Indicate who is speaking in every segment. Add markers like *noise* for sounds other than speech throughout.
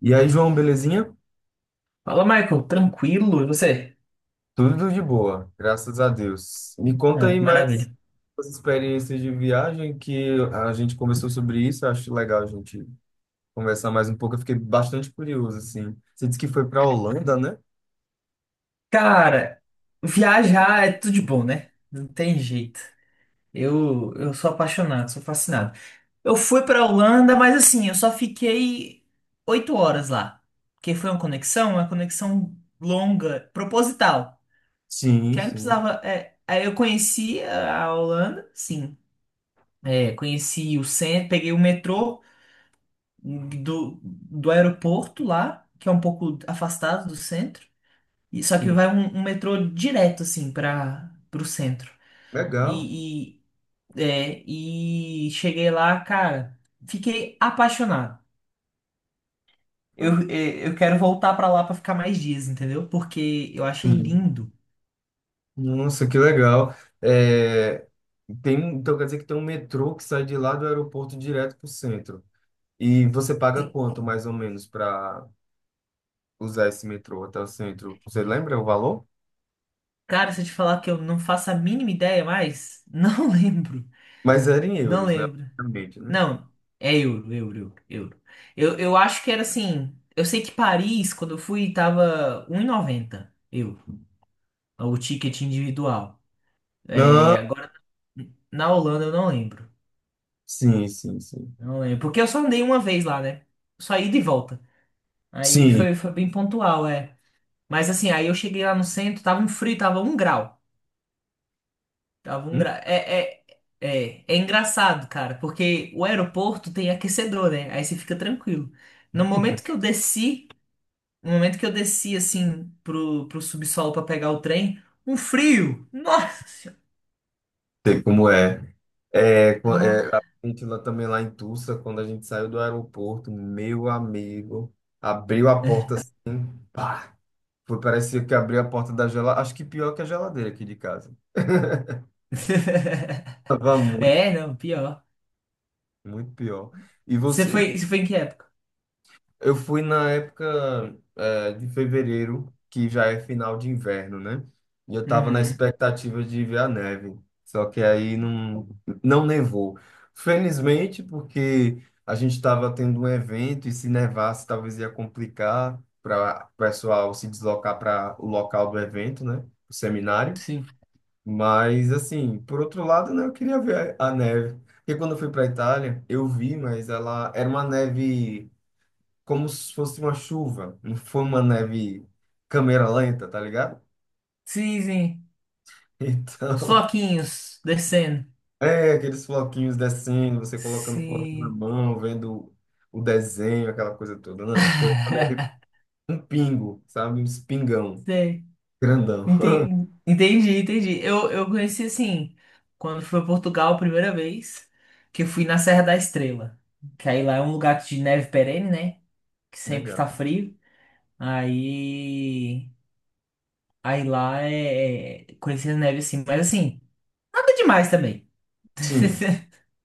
Speaker 1: E aí, João, belezinha?
Speaker 2: Fala, Michael, tranquilo? E você?
Speaker 1: Tudo de boa, graças a Deus. Me conta
Speaker 2: Ah,
Speaker 1: aí
Speaker 2: que
Speaker 1: mais
Speaker 2: maravilha.
Speaker 1: as experiências de viagem que a gente conversou sobre isso, acho legal a gente conversar mais um pouco. Eu fiquei bastante curioso, assim. Você disse que foi para a Holanda, né?
Speaker 2: Cara, viajar é tudo de bom, né? Não tem jeito. Eu sou apaixonado, sou fascinado. Eu fui pra Holanda, mas assim, eu só fiquei 8 horas lá. Porque foi uma conexão longa, proposital.
Speaker 1: Sim,
Speaker 2: Que aí não
Speaker 1: sim,
Speaker 2: precisava. Aí eu conheci a Holanda, sim. É, conheci o centro, peguei o metrô do aeroporto lá, que é um pouco afastado do centro. Só que
Speaker 1: sim.
Speaker 2: vai um metrô direto, assim, para o centro.
Speaker 1: Legal.
Speaker 2: E, e, e cheguei lá, cara, fiquei apaixonado. Eu quero voltar pra lá pra ficar mais dias, entendeu? Porque eu achei
Speaker 1: Sim.
Speaker 2: lindo.
Speaker 1: Nossa, que legal. É, tem, então quer dizer que tem um metrô que sai de lá do aeroporto direto para o centro. E você paga
Speaker 2: Tem-
Speaker 1: quanto mais ou menos para usar esse metrô até o centro? Você lembra o valor?
Speaker 2: Cara, se eu te falar que eu não faço a mínima ideia mais, não *laughs* lembro.
Speaker 1: Mas era em
Speaker 2: Não
Speaker 1: euros, né?
Speaker 2: lembro.
Speaker 1: Obviamente, né?
Speaker 2: Não, é euro, euro, euro. Euro. Eu acho que era assim. Eu sei que Paris, quando eu fui, tava 1,90 euro, o ticket individual.
Speaker 1: Não,
Speaker 2: É, agora, na Holanda eu não lembro.
Speaker 1: sim, sim, sim.
Speaker 2: Não lembro. Porque eu só andei uma vez lá, né? Só ida e volta. Aí
Speaker 1: Sim,
Speaker 2: foi bem pontual, é. Mas assim, aí eu cheguei lá no centro, tava um frio, tava 1 grau. Tava um
Speaker 1: não
Speaker 2: grau. É engraçado, cara, porque o aeroporto tem aquecedor, né? Aí você fica tranquilo. No momento que eu desci, no momento que eu desci, assim, pro subsolo pra pegar o trem, um frio! Nossa! Senhora!
Speaker 1: sei como é. É, é, a
Speaker 2: Ah,
Speaker 1: gente lá também lá em Tulsa, quando a gente saiu do aeroporto, meu amigo, abriu a porta, assim, pá, foi, parecia que abriu a porta da geladeira, acho que pior que a geladeira aqui de casa. *laughs*
Speaker 2: *laughs*
Speaker 1: Tava muito,
Speaker 2: é, não, pior.
Speaker 1: muito pior. E
Speaker 2: Você
Speaker 1: você,
Speaker 2: foi, você foi em que época?
Speaker 1: eu fui na época, de fevereiro, que já é final de inverno, né? E eu tava na Uhum
Speaker 2: Uhum.
Speaker 1: expectativa de ver a neve, só que aí não, não nevou. Felizmente, porque a gente estava tendo um evento e se nevasse talvez ia complicar para o pessoal se deslocar para o local do evento, né? O seminário.
Speaker 2: Sim.
Speaker 1: Mas, assim, por outro lado, né, eu queria ver a neve. Porque quando eu fui para a Itália, eu vi, mas ela era uma neve como se fosse uma chuva, não foi uma neve câmera lenta, tá ligado?
Speaker 2: Sim, sim. Os
Speaker 1: Então,
Speaker 2: floquinhos descendo.
Speaker 1: *laughs* é aqueles floquinhos descendo, você colocando o floquinho na
Speaker 2: Sim.
Speaker 1: mão, vendo o desenho, aquela coisa toda. Não, foi uma neve,
Speaker 2: *laughs*
Speaker 1: um pingo, sabe? Um espingão,
Speaker 2: Sei.
Speaker 1: grandão. *laughs*
Speaker 2: Entendi, entendi. Eu conheci assim, quando fui a Portugal a primeira vez, que eu fui na Serra da Estrela. Que aí lá é um lugar de neve perene, né? Que sempre
Speaker 1: Legal.
Speaker 2: tá frio. Aí. Aí lá é. Conheci a neve assim, mas assim, nada demais também.
Speaker 1: Sim,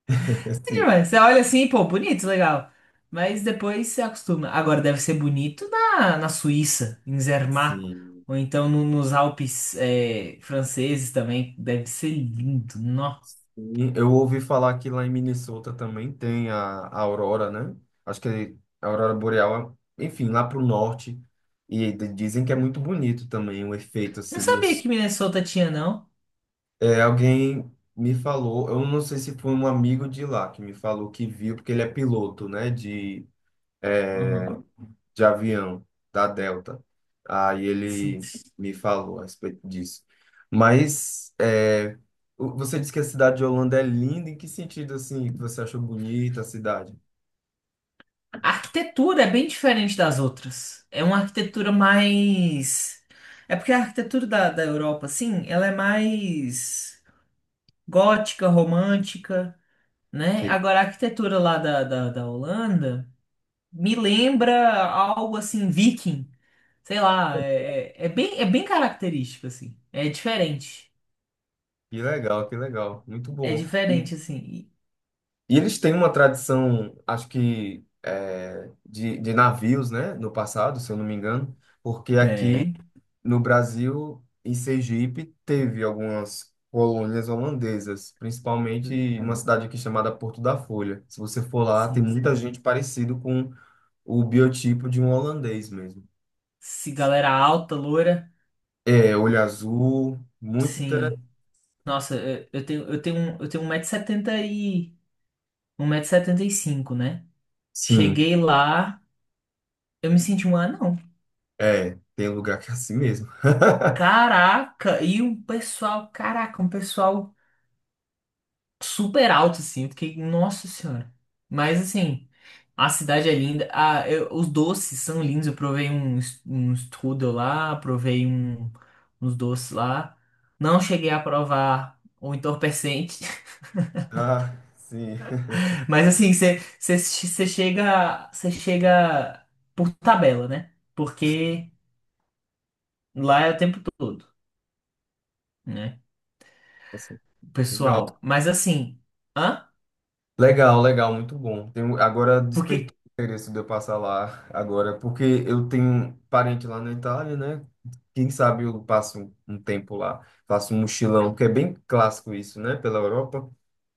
Speaker 1: *laughs* sim,
Speaker 2: Demais. Você olha assim, pô, bonito, legal. Mas depois você acostuma. Agora deve ser bonito na Suíça, em Zermatt,
Speaker 1: sim.
Speaker 2: ou então nos Alpes é, franceses também. Deve ser lindo. Nó.
Speaker 1: Sim, eu ouvi falar que lá em Minnesota também tem a aurora, né? Acho que a aurora boreal, enfim, lá pro norte. E dizem que é muito bonito também o efeito
Speaker 2: Não
Speaker 1: assim.
Speaker 2: sabia
Speaker 1: Nos-
Speaker 2: que Minnesota tinha, não.
Speaker 1: é, alguém me falou, eu não sei se foi um amigo de lá que me falou que viu, porque ele é piloto, né? De
Speaker 2: Uhum.
Speaker 1: de avião da Delta. Aí
Speaker 2: Sim.
Speaker 1: ele me falou a respeito disso. Mas é, você disse que a cidade de Holanda é linda. Em que sentido assim que você achou bonita a cidade?
Speaker 2: A arquitetura é bem diferente das outras. É uma arquitetura mais. É porque a arquitetura da Europa, assim, ela é mais gótica, romântica, né?
Speaker 1: Tipo,
Speaker 2: Agora, a arquitetura lá da Holanda. Me lembra algo assim, viking. Sei lá, é bem característico, assim. É diferente.
Speaker 1: que legal, muito
Speaker 2: É
Speaker 1: bom. E,
Speaker 2: diferente, assim.
Speaker 1: e eles têm uma tradição, acho que é, de navios, né? No passado, se eu não me engano, porque aqui
Speaker 2: Tem.
Speaker 1: no Brasil, em Sergipe, teve algumas colônias holandesas, principalmente uma cidade aqui chamada Porto da Folha. Se você for lá, tem
Speaker 2: Sim.
Speaker 1: muita gente parecido com o biotipo de um holandês mesmo.
Speaker 2: Se galera alta, loira.
Speaker 1: É, olho azul, muito interessante.
Speaker 2: Sim. Nossa, eu tenho 1,70 m e 1,75 m, né?
Speaker 1: Sim,
Speaker 2: Cheguei lá, eu me senti um anão.
Speaker 1: é, tem lugar que é assim mesmo. *laughs*
Speaker 2: Caraca, e um pessoal, caraca, um pessoal super alto, assim. Eu fiquei, nossa senhora. Mas, assim, a cidade é linda. Ah, os doces são lindos. Eu provei um, um strudel lá, provei um, uns doces lá. Não cheguei a provar o entorpecente.
Speaker 1: Ah, sim.
Speaker 2: *laughs* Mas, assim, você chega por tabela, né? Porque lá é o tempo todo, né?
Speaker 1: Nossa,
Speaker 2: O
Speaker 1: legal.
Speaker 2: pessoal. Mas, assim, hã?
Speaker 1: Legal, legal, muito bom. Tenho, agora despertou
Speaker 2: Porque.
Speaker 1: o interesse de eu passar lá agora, porque eu tenho parente lá na Itália, né? Quem sabe eu passo um tempo lá, faço um mochilão, que é bem clássico isso, né? Pela Europa,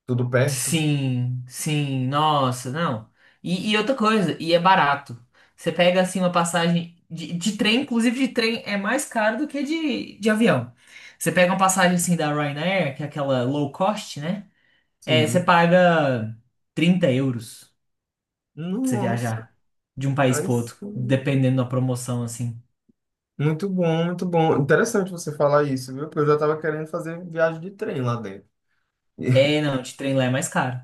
Speaker 1: tudo perto.
Speaker 2: Sim, sim, nossa, não. E outra coisa, e é barato. Você pega assim uma passagem de trem, inclusive de trem é mais caro do que de avião. Você pega uma passagem assim da Ryanair, que é aquela low cost, né? É, você
Speaker 1: Sim.
Speaker 2: paga 30 euros pra você
Speaker 1: Nossa,
Speaker 2: viajar de um país
Speaker 1: aí
Speaker 2: pro outro,
Speaker 1: sim.
Speaker 2: dependendo da promoção, assim.
Speaker 1: Muito bom, muito bom. Interessante você falar isso, viu? Porque eu já tava querendo fazer viagem de trem lá dentro.
Speaker 2: É,
Speaker 1: *laughs*
Speaker 2: não, de trem lá é mais caro.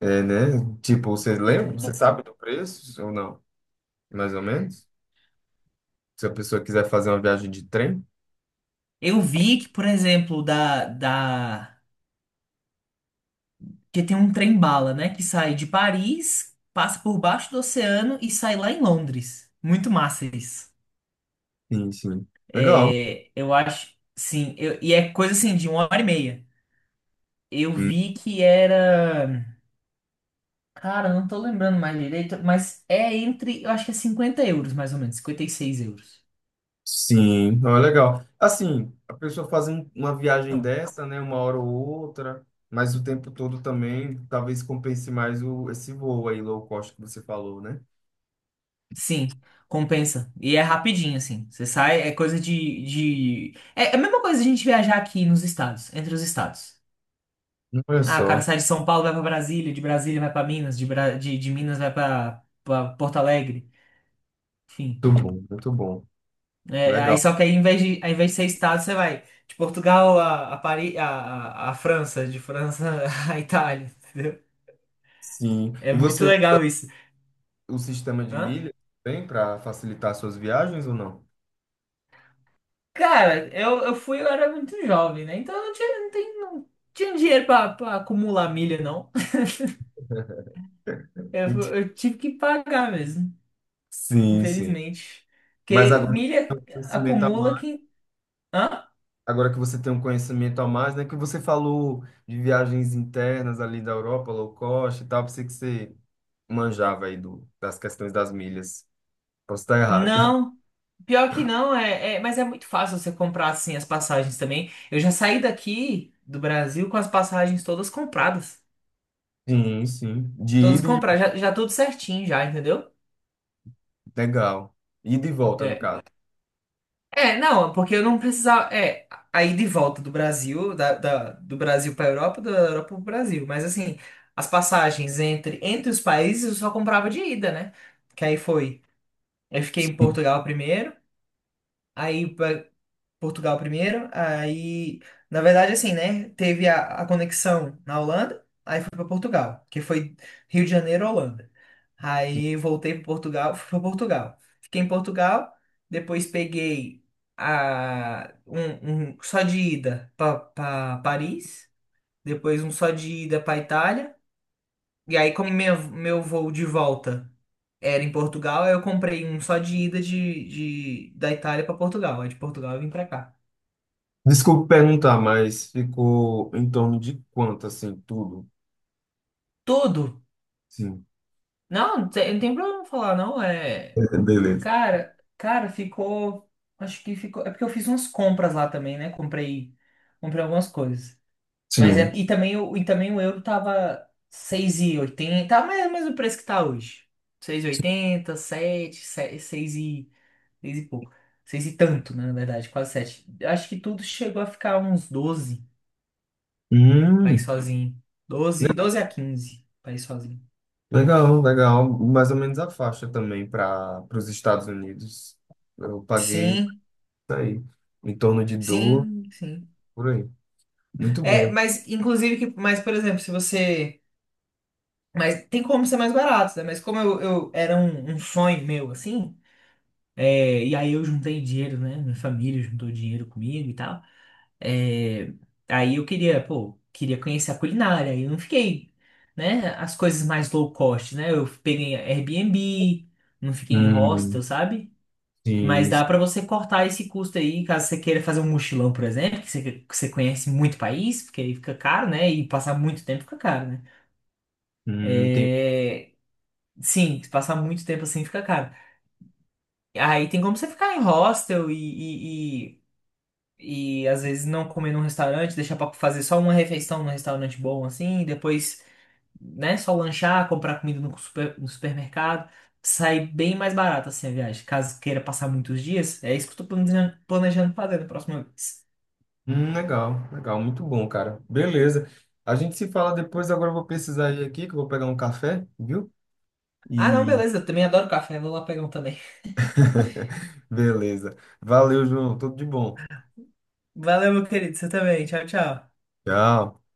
Speaker 1: É, né? Tipo, você
Speaker 2: De
Speaker 1: lembra?
Speaker 2: trem lá.
Speaker 1: Você
Speaker 2: É.
Speaker 1: sabe do preço ou não? Mais ou menos? Se a pessoa quiser fazer uma viagem de trem.
Speaker 2: Eu vi que, por exemplo, da que tem um trem-bala, né? Que sai de Paris, passa por baixo do oceano e sai lá em Londres. Muito massa isso.
Speaker 1: Sim, sim. Legal.
Speaker 2: É, eu acho, sim. E é coisa assim, de uma hora e meia. Eu
Speaker 1: Hum.
Speaker 2: vi que era. Cara, eu não tô lembrando mais direito, mas é entre. Eu acho que é 50 euros, mais ou menos. 56 euros.
Speaker 1: Sim, não é legal. Assim, a pessoa faz uma viagem
Speaker 2: Não.
Speaker 1: dessa, né, uma hora ou outra, mas o tempo todo também, talvez compense mais o, esse voo aí low cost que você falou, né?
Speaker 2: Sim, compensa. E é rapidinho, assim. Você sai, é coisa. De, de... É é a mesma coisa a gente viajar aqui nos estados, entre os estados.
Speaker 1: Olha
Speaker 2: Ah, o cara
Speaker 1: só,
Speaker 2: sai de São Paulo, vai pra Brasília, de Brasília vai pra Minas, de Minas vai pra Porto Alegre, enfim.
Speaker 1: muito bom, muito bom.
Speaker 2: É, aí
Speaker 1: Legal.
Speaker 2: só que aí, em vez de, ao invés de ser estado, você vai de Portugal a Paris, a França, de França *laughs* a Itália, entendeu?
Speaker 1: Sim.
Speaker 2: É
Speaker 1: E
Speaker 2: muito
Speaker 1: você,
Speaker 2: legal isso.
Speaker 1: o sistema de
Speaker 2: Hã?
Speaker 1: milhas tem para facilitar suas viagens ou não?
Speaker 2: Cara, eu era muito jovem, né? Então eu não tinha dinheiro pra acumular milha, não. *laughs*
Speaker 1: *laughs*
Speaker 2: Eu, fu-
Speaker 1: Ent-
Speaker 2: eu tive que pagar mesmo,
Speaker 1: sim, sim.
Speaker 2: infelizmente.
Speaker 1: Mas
Speaker 2: Porque
Speaker 1: agora
Speaker 2: milha
Speaker 1: o conhecimento a
Speaker 2: acumula que. Hã?
Speaker 1: agora que você tem um conhecimento a mais, né? Que você falou de viagens internas ali da Europa, low cost e tal, pensei que você manjava aí do, das questões das milhas. Posso estar errado.
Speaker 2: Não, pior que não, mas é muito fácil você comprar assim as passagens também. Eu já saí daqui do Brasil com as passagens todas compradas.
Speaker 1: *laughs* Sim, sim. De
Speaker 2: Todas
Speaker 1: ida e
Speaker 2: compradas,
Speaker 1: de...
Speaker 2: já tudo certinho já, entendeu?
Speaker 1: Legal. Ida e volta, no
Speaker 2: É.
Speaker 1: caso.
Speaker 2: É, não, porque eu não precisava. É, aí de volta do Brasil, do Brasil para Europa, da Europa para o Brasil. Mas assim, as passagens entre os países eu só comprava de ida, né? Que aí foi. Eu fiquei em
Speaker 1: Sim.
Speaker 2: Portugal primeiro, aí aí, na verdade, assim, né? Teve a conexão na Holanda, aí fui para Portugal, que foi Rio de Janeiro, Holanda. Aí voltei para Portugal, fui para Portugal. Fiquei em Portugal, depois peguei um só de ida para Paris, depois um só de ida para Itália, e aí, como meu voo de volta era em Portugal, aí eu comprei um só de ida da Itália para Portugal, aí de Portugal eu vim para cá.
Speaker 1: Desculpe perguntar, mas ficou em torno de quanto, assim, tudo?
Speaker 2: Tudo.
Speaker 1: Sim.
Speaker 2: Não, não tem problema falar, não. É.
Speaker 1: É, beleza.
Speaker 2: Cara, cara, ficou. Acho que ficou. É porque eu fiz umas compras lá também, né? Comprei, comprei algumas coisas. Mas
Speaker 1: Sim.
Speaker 2: é. E também, e também o euro tava 6,80. Tá mais ou menos o preço que tá hoje. Seis e oitenta sete seis e, 6 e pouco. Seis e tanto, né, na verdade, quase sete. Acho que tudo chegou a ficar uns 12 pra ir
Speaker 1: Hum,
Speaker 2: sozinho. Doze a 15 pra ir sozinho.
Speaker 1: legal, legal. Mais ou menos a faixa também para os Estados Unidos. Eu paguei
Speaker 2: Sim,
Speaker 1: tá aí. Em torno de dor,
Speaker 2: sim, sim.
Speaker 1: por aí. Muito
Speaker 2: É,
Speaker 1: bom.
Speaker 2: mas inclusive que, mas por exemplo, se você, mas tem como ser mais barato, né? Mas como eu era um sonho meu assim, é, e aí eu juntei dinheiro, né? Minha família juntou dinheiro comigo e tal. É, aí eu queria, pô, queria conhecer a culinária. E eu não fiquei, né? As coisas mais low cost, né? Eu peguei Airbnb, não fiquei em hostel,
Speaker 1: Hum,
Speaker 2: sabe? Mas
Speaker 1: sim. Sim.
Speaker 2: dá para você cortar esse custo aí, caso você queira fazer um mochilão, por exemplo, que você conhece muito país, porque aí fica caro, né? E passar muito tempo fica caro, né?
Speaker 1: Tem...
Speaker 2: É, sim, se passar muito tempo assim fica caro. Aí tem como você ficar em hostel e, às vezes não comer num restaurante, deixar para fazer só uma refeição num restaurante bom assim, e depois, né, só lanchar, comprar comida no supermercado. Sai bem mais barato assim a viagem. Caso queira passar muitos dias, é isso que eu tô planejando, fazer na próxima vez.
Speaker 1: Hum, legal, legal, muito bom, cara. Beleza. A gente se fala depois, agora eu vou precisar ir aqui, que eu vou pegar um café, viu?
Speaker 2: Ah,
Speaker 1: E
Speaker 2: não, beleza. Eu também adoro café. Vou lá pegar um também.
Speaker 1: *laughs* beleza. Valeu, João. Tudo de bom.
Speaker 2: Valeu, meu querido. Você também. Tchau, tchau.
Speaker 1: Tchau.